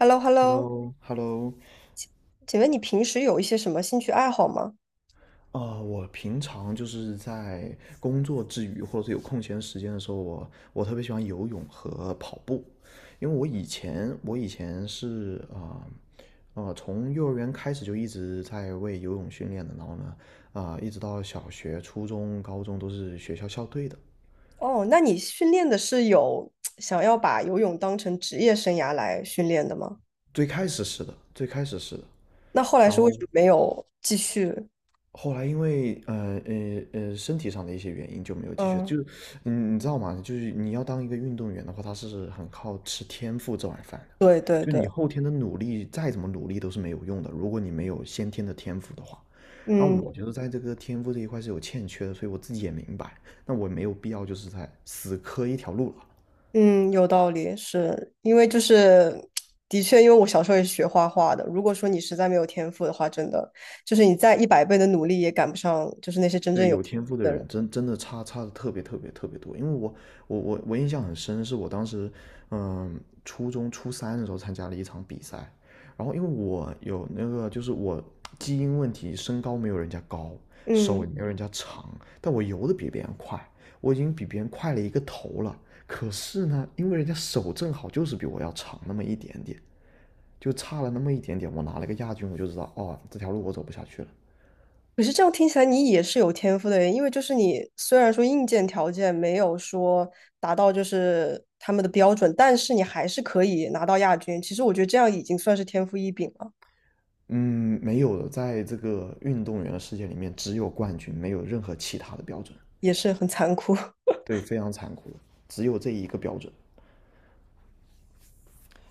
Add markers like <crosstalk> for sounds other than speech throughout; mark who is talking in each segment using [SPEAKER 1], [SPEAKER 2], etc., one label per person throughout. [SPEAKER 1] h e l l o h e l l o
[SPEAKER 2] Hello，Hello，
[SPEAKER 1] 请问你平时有一些什么兴趣爱好吗？
[SPEAKER 2] 我平常就是在工作之余，或者是有空闲时间的时候，我特别喜欢游泳和跑步，因为我以前是啊从幼儿园开始就一直在为游泳训练的，然后呢，一直到小学、初中、高中都是学校校队的。
[SPEAKER 1] 哦，那你训练的是有想要把游泳当成职业生涯来训练的吗？
[SPEAKER 2] 最开始是的，最开始是的。
[SPEAKER 1] 那后来
[SPEAKER 2] 然
[SPEAKER 1] 是为什
[SPEAKER 2] 后
[SPEAKER 1] 么没有继续？
[SPEAKER 2] 后来因为身体上的一些原因就没有继续了，
[SPEAKER 1] 嗯，
[SPEAKER 2] 就是你知道吗？就是你要当一个运动员的话，他是很靠吃天赋这碗饭的。
[SPEAKER 1] 对对
[SPEAKER 2] 就是你
[SPEAKER 1] 对，
[SPEAKER 2] 后天的努力再怎么努力都是没有用的，如果你没有先天的天赋的话。然后
[SPEAKER 1] 嗯
[SPEAKER 2] 我觉得在这个天赋这一块是有欠缺的，所以我自己也明白，那我没有必要就是在死磕一条路了。
[SPEAKER 1] 嗯，有道理，是因为就是的确，因为我小时候也是学画画的。如果说你实在没有天赋的话，真的就是你再100倍的努力也赶不上，就是那些真正
[SPEAKER 2] 对，
[SPEAKER 1] 有
[SPEAKER 2] 有
[SPEAKER 1] 天
[SPEAKER 2] 天赋的
[SPEAKER 1] 赋的人。
[SPEAKER 2] 人真的差的特别特别特别多，因为我印象很深，是我当时初中初三的时候参加了一场比赛，然后因为我有那个就是我基因问题，身高没有人家高，手
[SPEAKER 1] 嗯。
[SPEAKER 2] 也没有人家长，但我游的比别人快，我已经比别人快了一个头了。可是呢，因为人家手正好就是比我要长那么一点点，就差了那么一点点，我拿了个亚军，我就知道哦这条路我走不下去了。
[SPEAKER 1] 可是这样听起来，你也是有天赋的耶，因为就是你虽然说硬件条件没有说达到就是他们的标准，但是你还是可以拿到亚军。其实我觉得这样已经算是天赋异禀了，
[SPEAKER 2] 嗯，没有的。在这个运动员的世界里面，只有冠军，没有任何其他的标准。
[SPEAKER 1] 也是很残酷，<laughs>
[SPEAKER 2] 对，非常残酷的，只有这一个标准。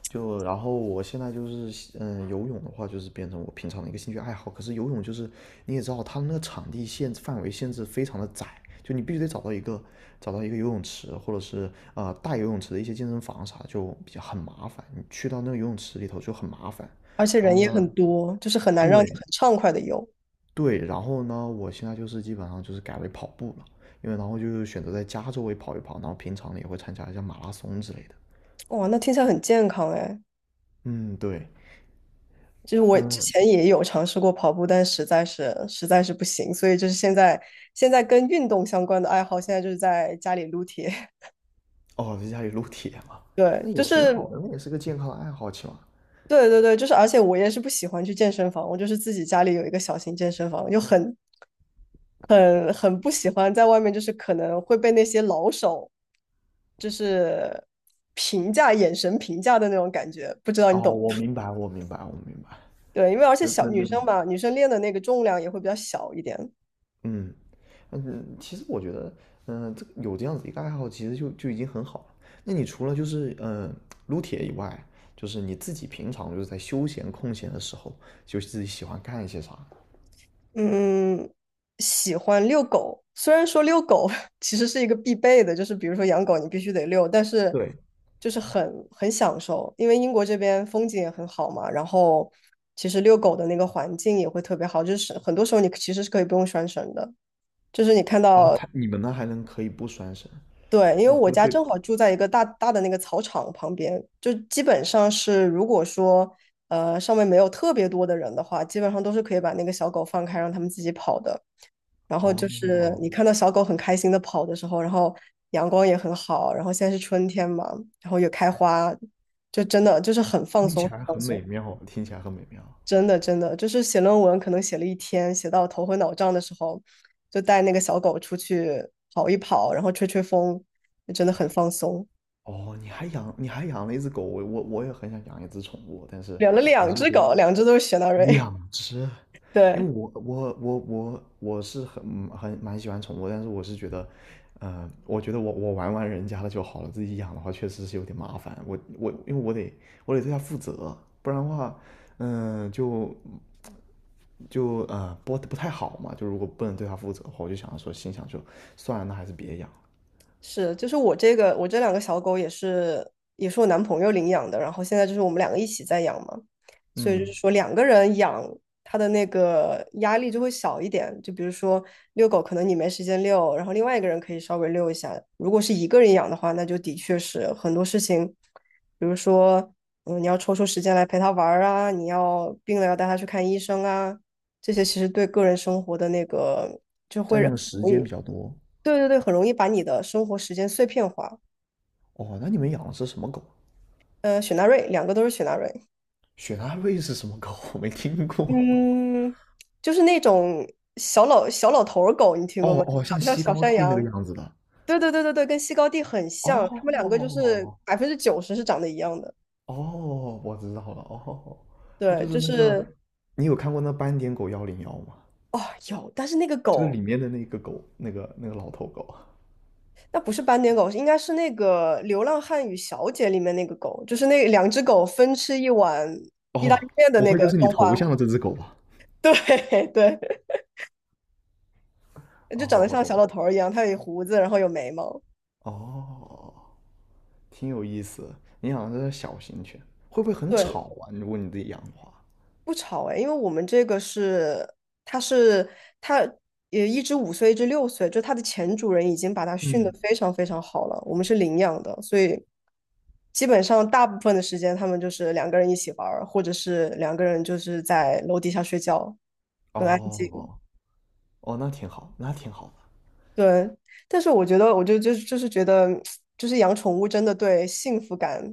[SPEAKER 2] 就然后我现在就是，游泳的话就是变成我平常的一个兴趣爱好。可是游泳就是你也知道，它那个场地限范围限制非常的窄，就你必须得找到一个游泳池，或者是大游泳池的一些健身房啥，就比较很麻烦。你去到那个游泳池里头就很麻烦。
[SPEAKER 1] 而且
[SPEAKER 2] 然
[SPEAKER 1] 人
[SPEAKER 2] 后
[SPEAKER 1] 也
[SPEAKER 2] 呢，
[SPEAKER 1] 很多，就是很难让你
[SPEAKER 2] 对，
[SPEAKER 1] 很畅快的游。
[SPEAKER 2] 对，然后呢，我现在就是基本上就是改为跑步了，因为然后就是选择在家周围跑一跑，然后平常呢也会参加一下马拉松之类的。
[SPEAKER 1] 哇，那听起来很健康哎。
[SPEAKER 2] 嗯，对。
[SPEAKER 1] 就是我之
[SPEAKER 2] 嗯。
[SPEAKER 1] 前也有尝试过跑步，但实在是不行，所以就是现在跟运动相关的爱好，现在就是在家里撸铁。
[SPEAKER 2] 哦，在家里撸铁嘛，
[SPEAKER 1] <laughs> 对，
[SPEAKER 2] 那也
[SPEAKER 1] 就
[SPEAKER 2] 挺
[SPEAKER 1] 是
[SPEAKER 2] 好的，那也是个健康的爱好，起码。
[SPEAKER 1] 对对对，就是而且我也是不喜欢去健身房，我就是自己家里有一个小型健身房，就很不喜欢在外面，就是可能会被那些老手就是评价眼神评价的那种感觉，不知道
[SPEAKER 2] 哦，
[SPEAKER 1] 你懂？
[SPEAKER 2] 我明白，我明白，我明白。
[SPEAKER 1] 对，因为而且
[SPEAKER 2] 那
[SPEAKER 1] 小
[SPEAKER 2] 那
[SPEAKER 1] 女
[SPEAKER 2] 能，
[SPEAKER 1] 生嘛，女生练的那个重量也会比较小一点。
[SPEAKER 2] 嗯嗯，其实我觉得，这个有这样子一个爱好，其实就已经很好了。那你除了就是撸铁以外，就是你自己平常就是在休闲空闲的时候，就自己喜欢干一些啥？
[SPEAKER 1] 嗯，喜欢遛狗。虽然说遛狗 <laughs> 其实是一个必备的，就是比如说养狗你必须得遛，但是
[SPEAKER 2] 对，
[SPEAKER 1] 就是很享受，因为英国这边风景也很好嘛，然后其实遛狗的那个环境也会特别好，就是很多时候你其实是可以不用拴绳的，就是你看
[SPEAKER 2] 啊，
[SPEAKER 1] 到，
[SPEAKER 2] 它你们那还能可以不拴绳？
[SPEAKER 1] 对，因为
[SPEAKER 2] 那不
[SPEAKER 1] 我
[SPEAKER 2] 会
[SPEAKER 1] 家
[SPEAKER 2] 被。
[SPEAKER 1] 正好住在一个大大的那个草场旁边，就基本上是如果说上面没有特别多的人的话，基本上都是可以把那个小狗放开让它们自己跑的。然后就是
[SPEAKER 2] 哦，
[SPEAKER 1] 你看到小狗很开心的跑的时候，然后阳光也很好，然后现在是春天嘛，然后有开花，就真的就是很放
[SPEAKER 2] 听起
[SPEAKER 1] 松，
[SPEAKER 2] 来
[SPEAKER 1] 放
[SPEAKER 2] 很美
[SPEAKER 1] 松，
[SPEAKER 2] 妙，听起来很美妙。
[SPEAKER 1] 真的真的就是写论文可能写了一天，写到头昏脑胀的时候，就带那个小狗出去跑一跑，然后吹吹风，就真的很放松。
[SPEAKER 2] 哦，你还养了一只狗。我也很想养一只宠物，但是
[SPEAKER 1] 养了
[SPEAKER 2] 我
[SPEAKER 1] 两
[SPEAKER 2] 是
[SPEAKER 1] 只
[SPEAKER 2] 觉得，
[SPEAKER 1] 狗，两只都是雪纳瑞，
[SPEAKER 2] 两只，
[SPEAKER 1] <laughs>
[SPEAKER 2] 因
[SPEAKER 1] 对，
[SPEAKER 2] 为我是很蛮喜欢宠物，但是我是觉得，我觉得我玩玩人家的就好了，自己养的话确实是有点麻烦。我因为我得对它负责，不然的话，嗯、就就呃播的不太好嘛，就如果不能对它负责的话，我就想说心想就算了，那还是别养。
[SPEAKER 1] 是，就是我这两个小狗也是我男朋友领养的，然后现在就是我们两个一起在养嘛，所以就
[SPEAKER 2] 嗯，
[SPEAKER 1] 是说两个人养，它的那个压力就会小一点。就比如说遛狗，可能你没时间遛，然后另外一个人可以稍微遛一下。如果是一个人养的话，那就的确是很多事情，比如说你要抽出时间来陪它玩儿啊，你要病了要带它去看医生啊，这些其实对个人生活的那个，
[SPEAKER 2] 占用的时间比较多。
[SPEAKER 1] 对对对，很容易把你的生活时间碎片化。
[SPEAKER 2] 哦，那你们养的是什么狗？
[SPEAKER 1] 雪纳瑞，两个都是雪纳瑞。
[SPEAKER 2] 雪纳瑞是什么狗？我没听过。
[SPEAKER 1] 嗯，就是那种小老头儿狗，你听过
[SPEAKER 2] 哦
[SPEAKER 1] 吗？
[SPEAKER 2] 哦，
[SPEAKER 1] 长
[SPEAKER 2] 像
[SPEAKER 1] 得像
[SPEAKER 2] 西
[SPEAKER 1] 小
[SPEAKER 2] 高
[SPEAKER 1] 山
[SPEAKER 2] 地那个
[SPEAKER 1] 羊。
[SPEAKER 2] 样子的。
[SPEAKER 1] 对对对对对，跟西高地很像，他们两个就是
[SPEAKER 2] 哦
[SPEAKER 1] 90%是长得一样的。
[SPEAKER 2] 哦，我知道了。哦，它
[SPEAKER 1] 对，
[SPEAKER 2] 就是
[SPEAKER 1] 就
[SPEAKER 2] 那个，
[SPEAKER 1] 是
[SPEAKER 2] 你有看过那斑点狗101吗？
[SPEAKER 1] 哦，有，但是那个
[SPEAKER 2] 就是
[SPEAKER 1] 狗，
[SPEAKER 2] 里面的那个狗，那个老头狗。
[SPEAKER 1] 那不是斑点狗，应该是那个《流浪汉与小姐》里面那个狗，就是那两只狗分吃一碗意大
[SPEAKER 2] 哦，
[SPEAKER 1] 利面的
[SPEAKER 2] 不
[SPEAKER 1] 那
[SPEAKER 2] 会就
[SPEAKER 1] 个
[SPEAKER 2] 是你
[SPEAKER 1] 动
[SPEAKER 2] 头
[SPEAKER 1] 画。
[SPEAKER 2] 像的这只狗吧？
[SPEAKER 1] 对 <laughs> 对，就长
[SPEAKER 2] 哦，
[SPEAKER 1] 得
[SPEAKER 2] 我
[SPEAKER 1] 像
[SPEAKER 2] 懂
[SPEAKER 1] 小
[SPEAKER 2] 了。
[SPEAKER 1] 老头儿一样，它有胡子，然后有眉毛。
[SPEAKER 2] 哦，挺有意思的。你养的是小型犬，会不会很
[SPEAKER 1] 对，
[SPEAKER 2] 吵啊？如果你自己养的话，
[SPEAKER 1] 不吵哎，因为我们这个是，它是它也一只5岁，一只6岁，就它的前主人已经把它训得
[SPEAKER 2] 嗯，
[SPEAKER 1] 非常非常好了，我们是领养的，所以基本上大部分的时间他们就是两个人一起玩儿，或者是两个人就是在楼底下睡觉，
[SPEAKER 2] 哦
[SPEAKER 1] 很安静。
[SPEAKER 2] 哦哦，那挺好，那挺好的。
[SPEAKER 1] 对，但是我觉得，我就是觉得，就是养宠物真的对幸福感，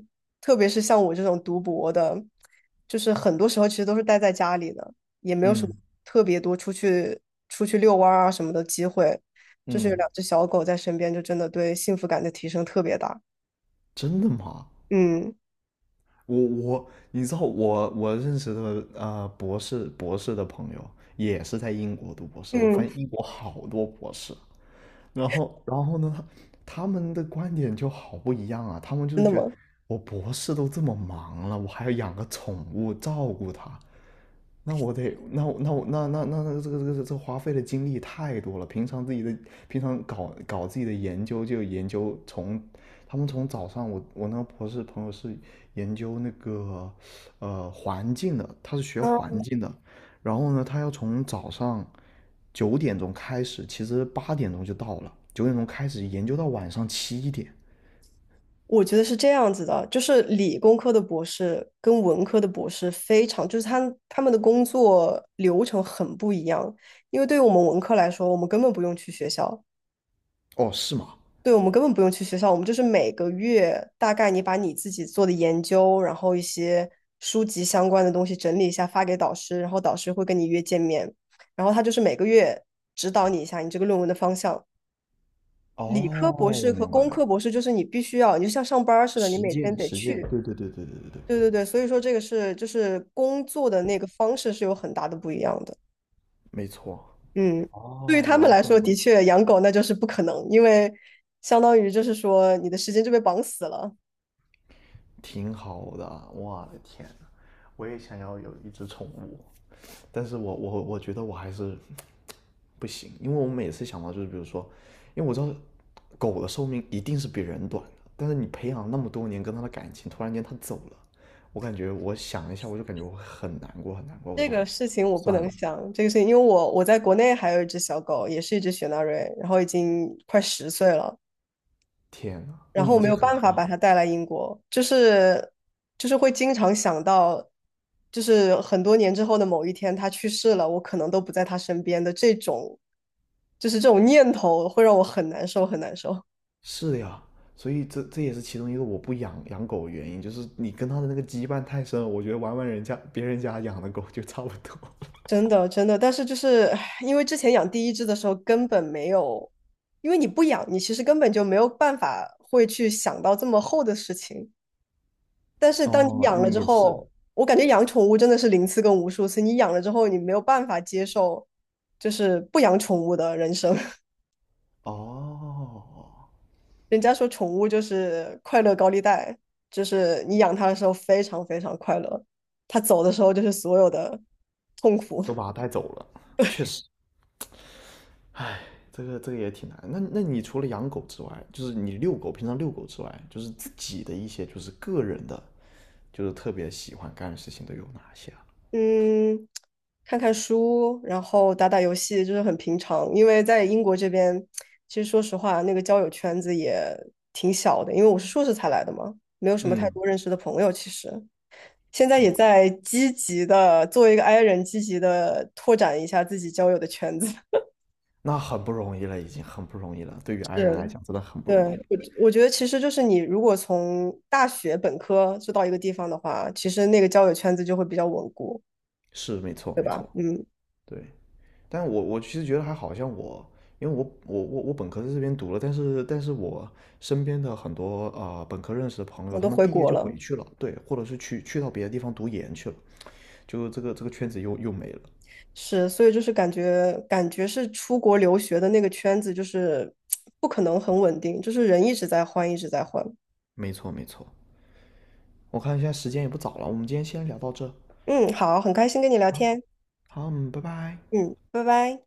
[SPEAKER 1] 特别是像我这种读博的，就是很多时候其实都是待在家里的，也没有什么
[SPEAKER 2] 嗯
[SPEAKER 1] 特别多出去遛弯儿啊什么的机会，就是有
[SPEAKER 2] 嗯，
[SPEAKER 1] 两只小狗在身边，就真的对幸福感的提升特别大。
[SPEAKER 2] 真的吗？
[SPEAKER 1] 嗯，
[SPEAKER 2] 我，你知道我认识的博士的朋友也是在英国读博士，我发
[SPEAKER 1] 嗯，
[SPEAKER 2] 现英国好多博士。然后呢，他们的观点就好不一样啊，他们就
[SPEAKER 1] 真
[SPEAKER 2] 是
[SPEAKER 1] 的
[SPEAKER 2] 觉得
[SPEAKER 1] 吗？
[SPEAKER 2] 我博士都这么忙了，我还要养个宠物照顾它，那我得，那我那我那那那那这个这个这个花费的精力太多了。平常搞搞自己的研究，就研究从他们从早上我那个博士朋友是研究那个环境的，他是学
[SPEAKER 1] 啊，
[SPEAKER 2] 环境的。然后呢，他要从早上九点钟开始，其实8点钟就到了，九点钟开始研究到晚上7点。
[SPEAKER 1] 我觉得是这样子的，就是理工科的博士跟文科的博士非常，就是他们的工作流程很不一样。因为对于我们文科来说，我们根本不用去学校，
[SPEAKER 2] 哦，是吗？
[SPEAKER 1] 对我们根本不用去学校，我们就是每个月大概你把你自己做的研究，然后一些书籍相关的东西整理一下发给导师，然后导师会跟你约见面，然后他就是每个月指导你一下你这个论文的方向。
[SPEAKER 2] 哦，
[SPEAKER 1] 理科博
[SPEAKER 2] 我
[SPEAKER 1] 士和
[SPEAKER 2] 明白
[SPEAKER 1] 工
[SPEAKER 2] 了。
[SPEAKER 1] 科博士就是你必须要，你就像上班儿似的，你
[SPEAKER 2] 实
[SPEAKER 1] 每天
[SPEAKER 2] 践
[SPEAKER 1] 得
[SPEAKER 2] 实践，
[SPEAKER 1] 去。
[SPEAKER 2] 对对对对对对对，
[SPEAKER 1] 对对对，所以说这个是就是工作的那个方式是有很大的不一样的。
[SPEAKER 2] 没错。
[SPEAKER 1] 嗯，对于他
[SPEAKER 2] 哦，
[SPEAKER 1] 们
[SPEAKER 2] 那
[SPEAKER 1] 来
[SPEAKER 2] 更。
[SPEAKER 1] 说，的确养狗那就是不可能，因为相当于就是说你的时间就被绑死了。
[SPEAKER 2] 挺好的，我的天呐，我也想要有一只宠物，但是我觉得我还是不行。因为我每次想到就是比如说，因为我知道狗的寿命一定是比人短的，但是你培养那么多年跟它的感情，突然间它走了，我感觉我想一下我就感觉我很难过很难过，我
[SPEAKER 1] 这
[SPEAKER 2] 想
[SPEAKER 1] 个事情我不
[SPEAKER 2] 算
[SPEAKER 1] 能
[SPEAKER 2] 了。
[SPEAKER 1] 想，这个事情，因为我在国内还有一只小狗，也是一只雪纳瑞，然后已经快10岁了。
[SPEAKER 2] 天呐，那
[SPEAKER 1] 然后我
[SPEAKER 2] 年
[SPEAKER 1] 没
[SPEAKER 2] 纪
[SPEAKER 1] 有
[SPEAKER 2] 很
[SPEAKER 1] 办法
[SPEAKER 2] 大，
[SPEAKER 1] 把它带来英国，就是会经常想到，就是很多年之后的某一天他去世了，我可能都不在他身边的这种，就是这种念头会让我很难受，很难受，
[SPEAKER 2] 是的呀，所以这也是其中一个我不养狗的原因，就是你跟它的那个羁绊太深了。我觉得玩玩人家别人家养的狗就差不多。
[SPEAKER 1] 真的真的。但是就是唉因为之前养第一只的时候根本没有，因为你不养，你其实根本就没有办法会去想到这么厚的事情。但
[SPEAKER 2] <laughs>
[SPEAKER 1] 是当你
[SPEAKER 2] 哦，
[SPEAKER 1] 养了
[SPEAKER 2] 嗯，
[SPEAKER 1] 之
[SPEAKER 2] 也是。
[SPEAKER 1] 后，我感觉养宠物真的是零次跟无数次。你养了之后，你没有办法接受，就是不养宠物的人生。<laughs>
[SPEAKER 2] 哦，
[SPEAKER 1] 人家说宠物就是快乐高利贷，就是你养它的时候非常非常快乐，它走的时候就是所有的痛苦。
[SPEAKER 2] 都把它带走了，确实。唉，这个也挺难。那你除了养狗之外，就是你遛狗，平常遛狗之外，就是自己的一些就是个人的，就是特别喜欢干的事情都有哪些啊？
[SPEAKER 1] <laughs> 嗯，看看书，然后打打游戏，就是很平常。因为在英国这边，其实说实话，那个交友圈子也挺小的，因为我是硕士才来的嘛，没有什么太
[SPEAKER 2] 嗯，
[SPEAKER 1] 多认识的朋友，其实。现在也
[SPEAKER 2] 啊，
[SPEAKER 1] 在积极的作为一个 i 人，积极的拓展一下自己交友的圈子。<laughs>
[SPEAKER 2] 那很不容易了，已经很不容易了。对于爱人来
[SPEAKER 1] 是，
[SPEAKER 2] 讲，真的很不
[SPEAKER 1] 对，
[SPEAKER 2] 容易了。
[SPEAKER 1] 我觉得其实就是你如果从大学本科就到一个地方的话，其实那个交友圈子就会比较稳固。
[SPEAKER 2] 是，没错，没错。
[SPEAKER 1] 嗯，
[SPEAKER 2] 对，但我其实觉得还好像我，因为我本科在这边读了，但是我身边的很多啊本科认识的朋友，
[SPEAKER 1] 我
[SPEAKER 2] 他
[SPEAKER 1] 都
[SPEAKER 2] 们
[SPEAKER 1] 回
[SPEAKER 2] 毕业
[SPEAKER 1] 国
[SPEAKER 2] 就回
[SPEAKER 1] 了，
[SPEAKER 2] 去了，对，或者是去到别的地方读研去了，就这个圈子又没了。
[SPEAKER 1] 是，所以就是感觉是出国留学的那个圈子就是不可能很稳定，就是人一直在换，一直在换。
[SPEAKER 2] 没错没错，我看现在时间也不早了，我们今天先聊到这，
[SPEAKER 1] 嗯，好，很开心跟你聊天。
[SPEAKER 2] 好，嗯，拜拜。
[SPEAKER 1] 嗯，拜拜。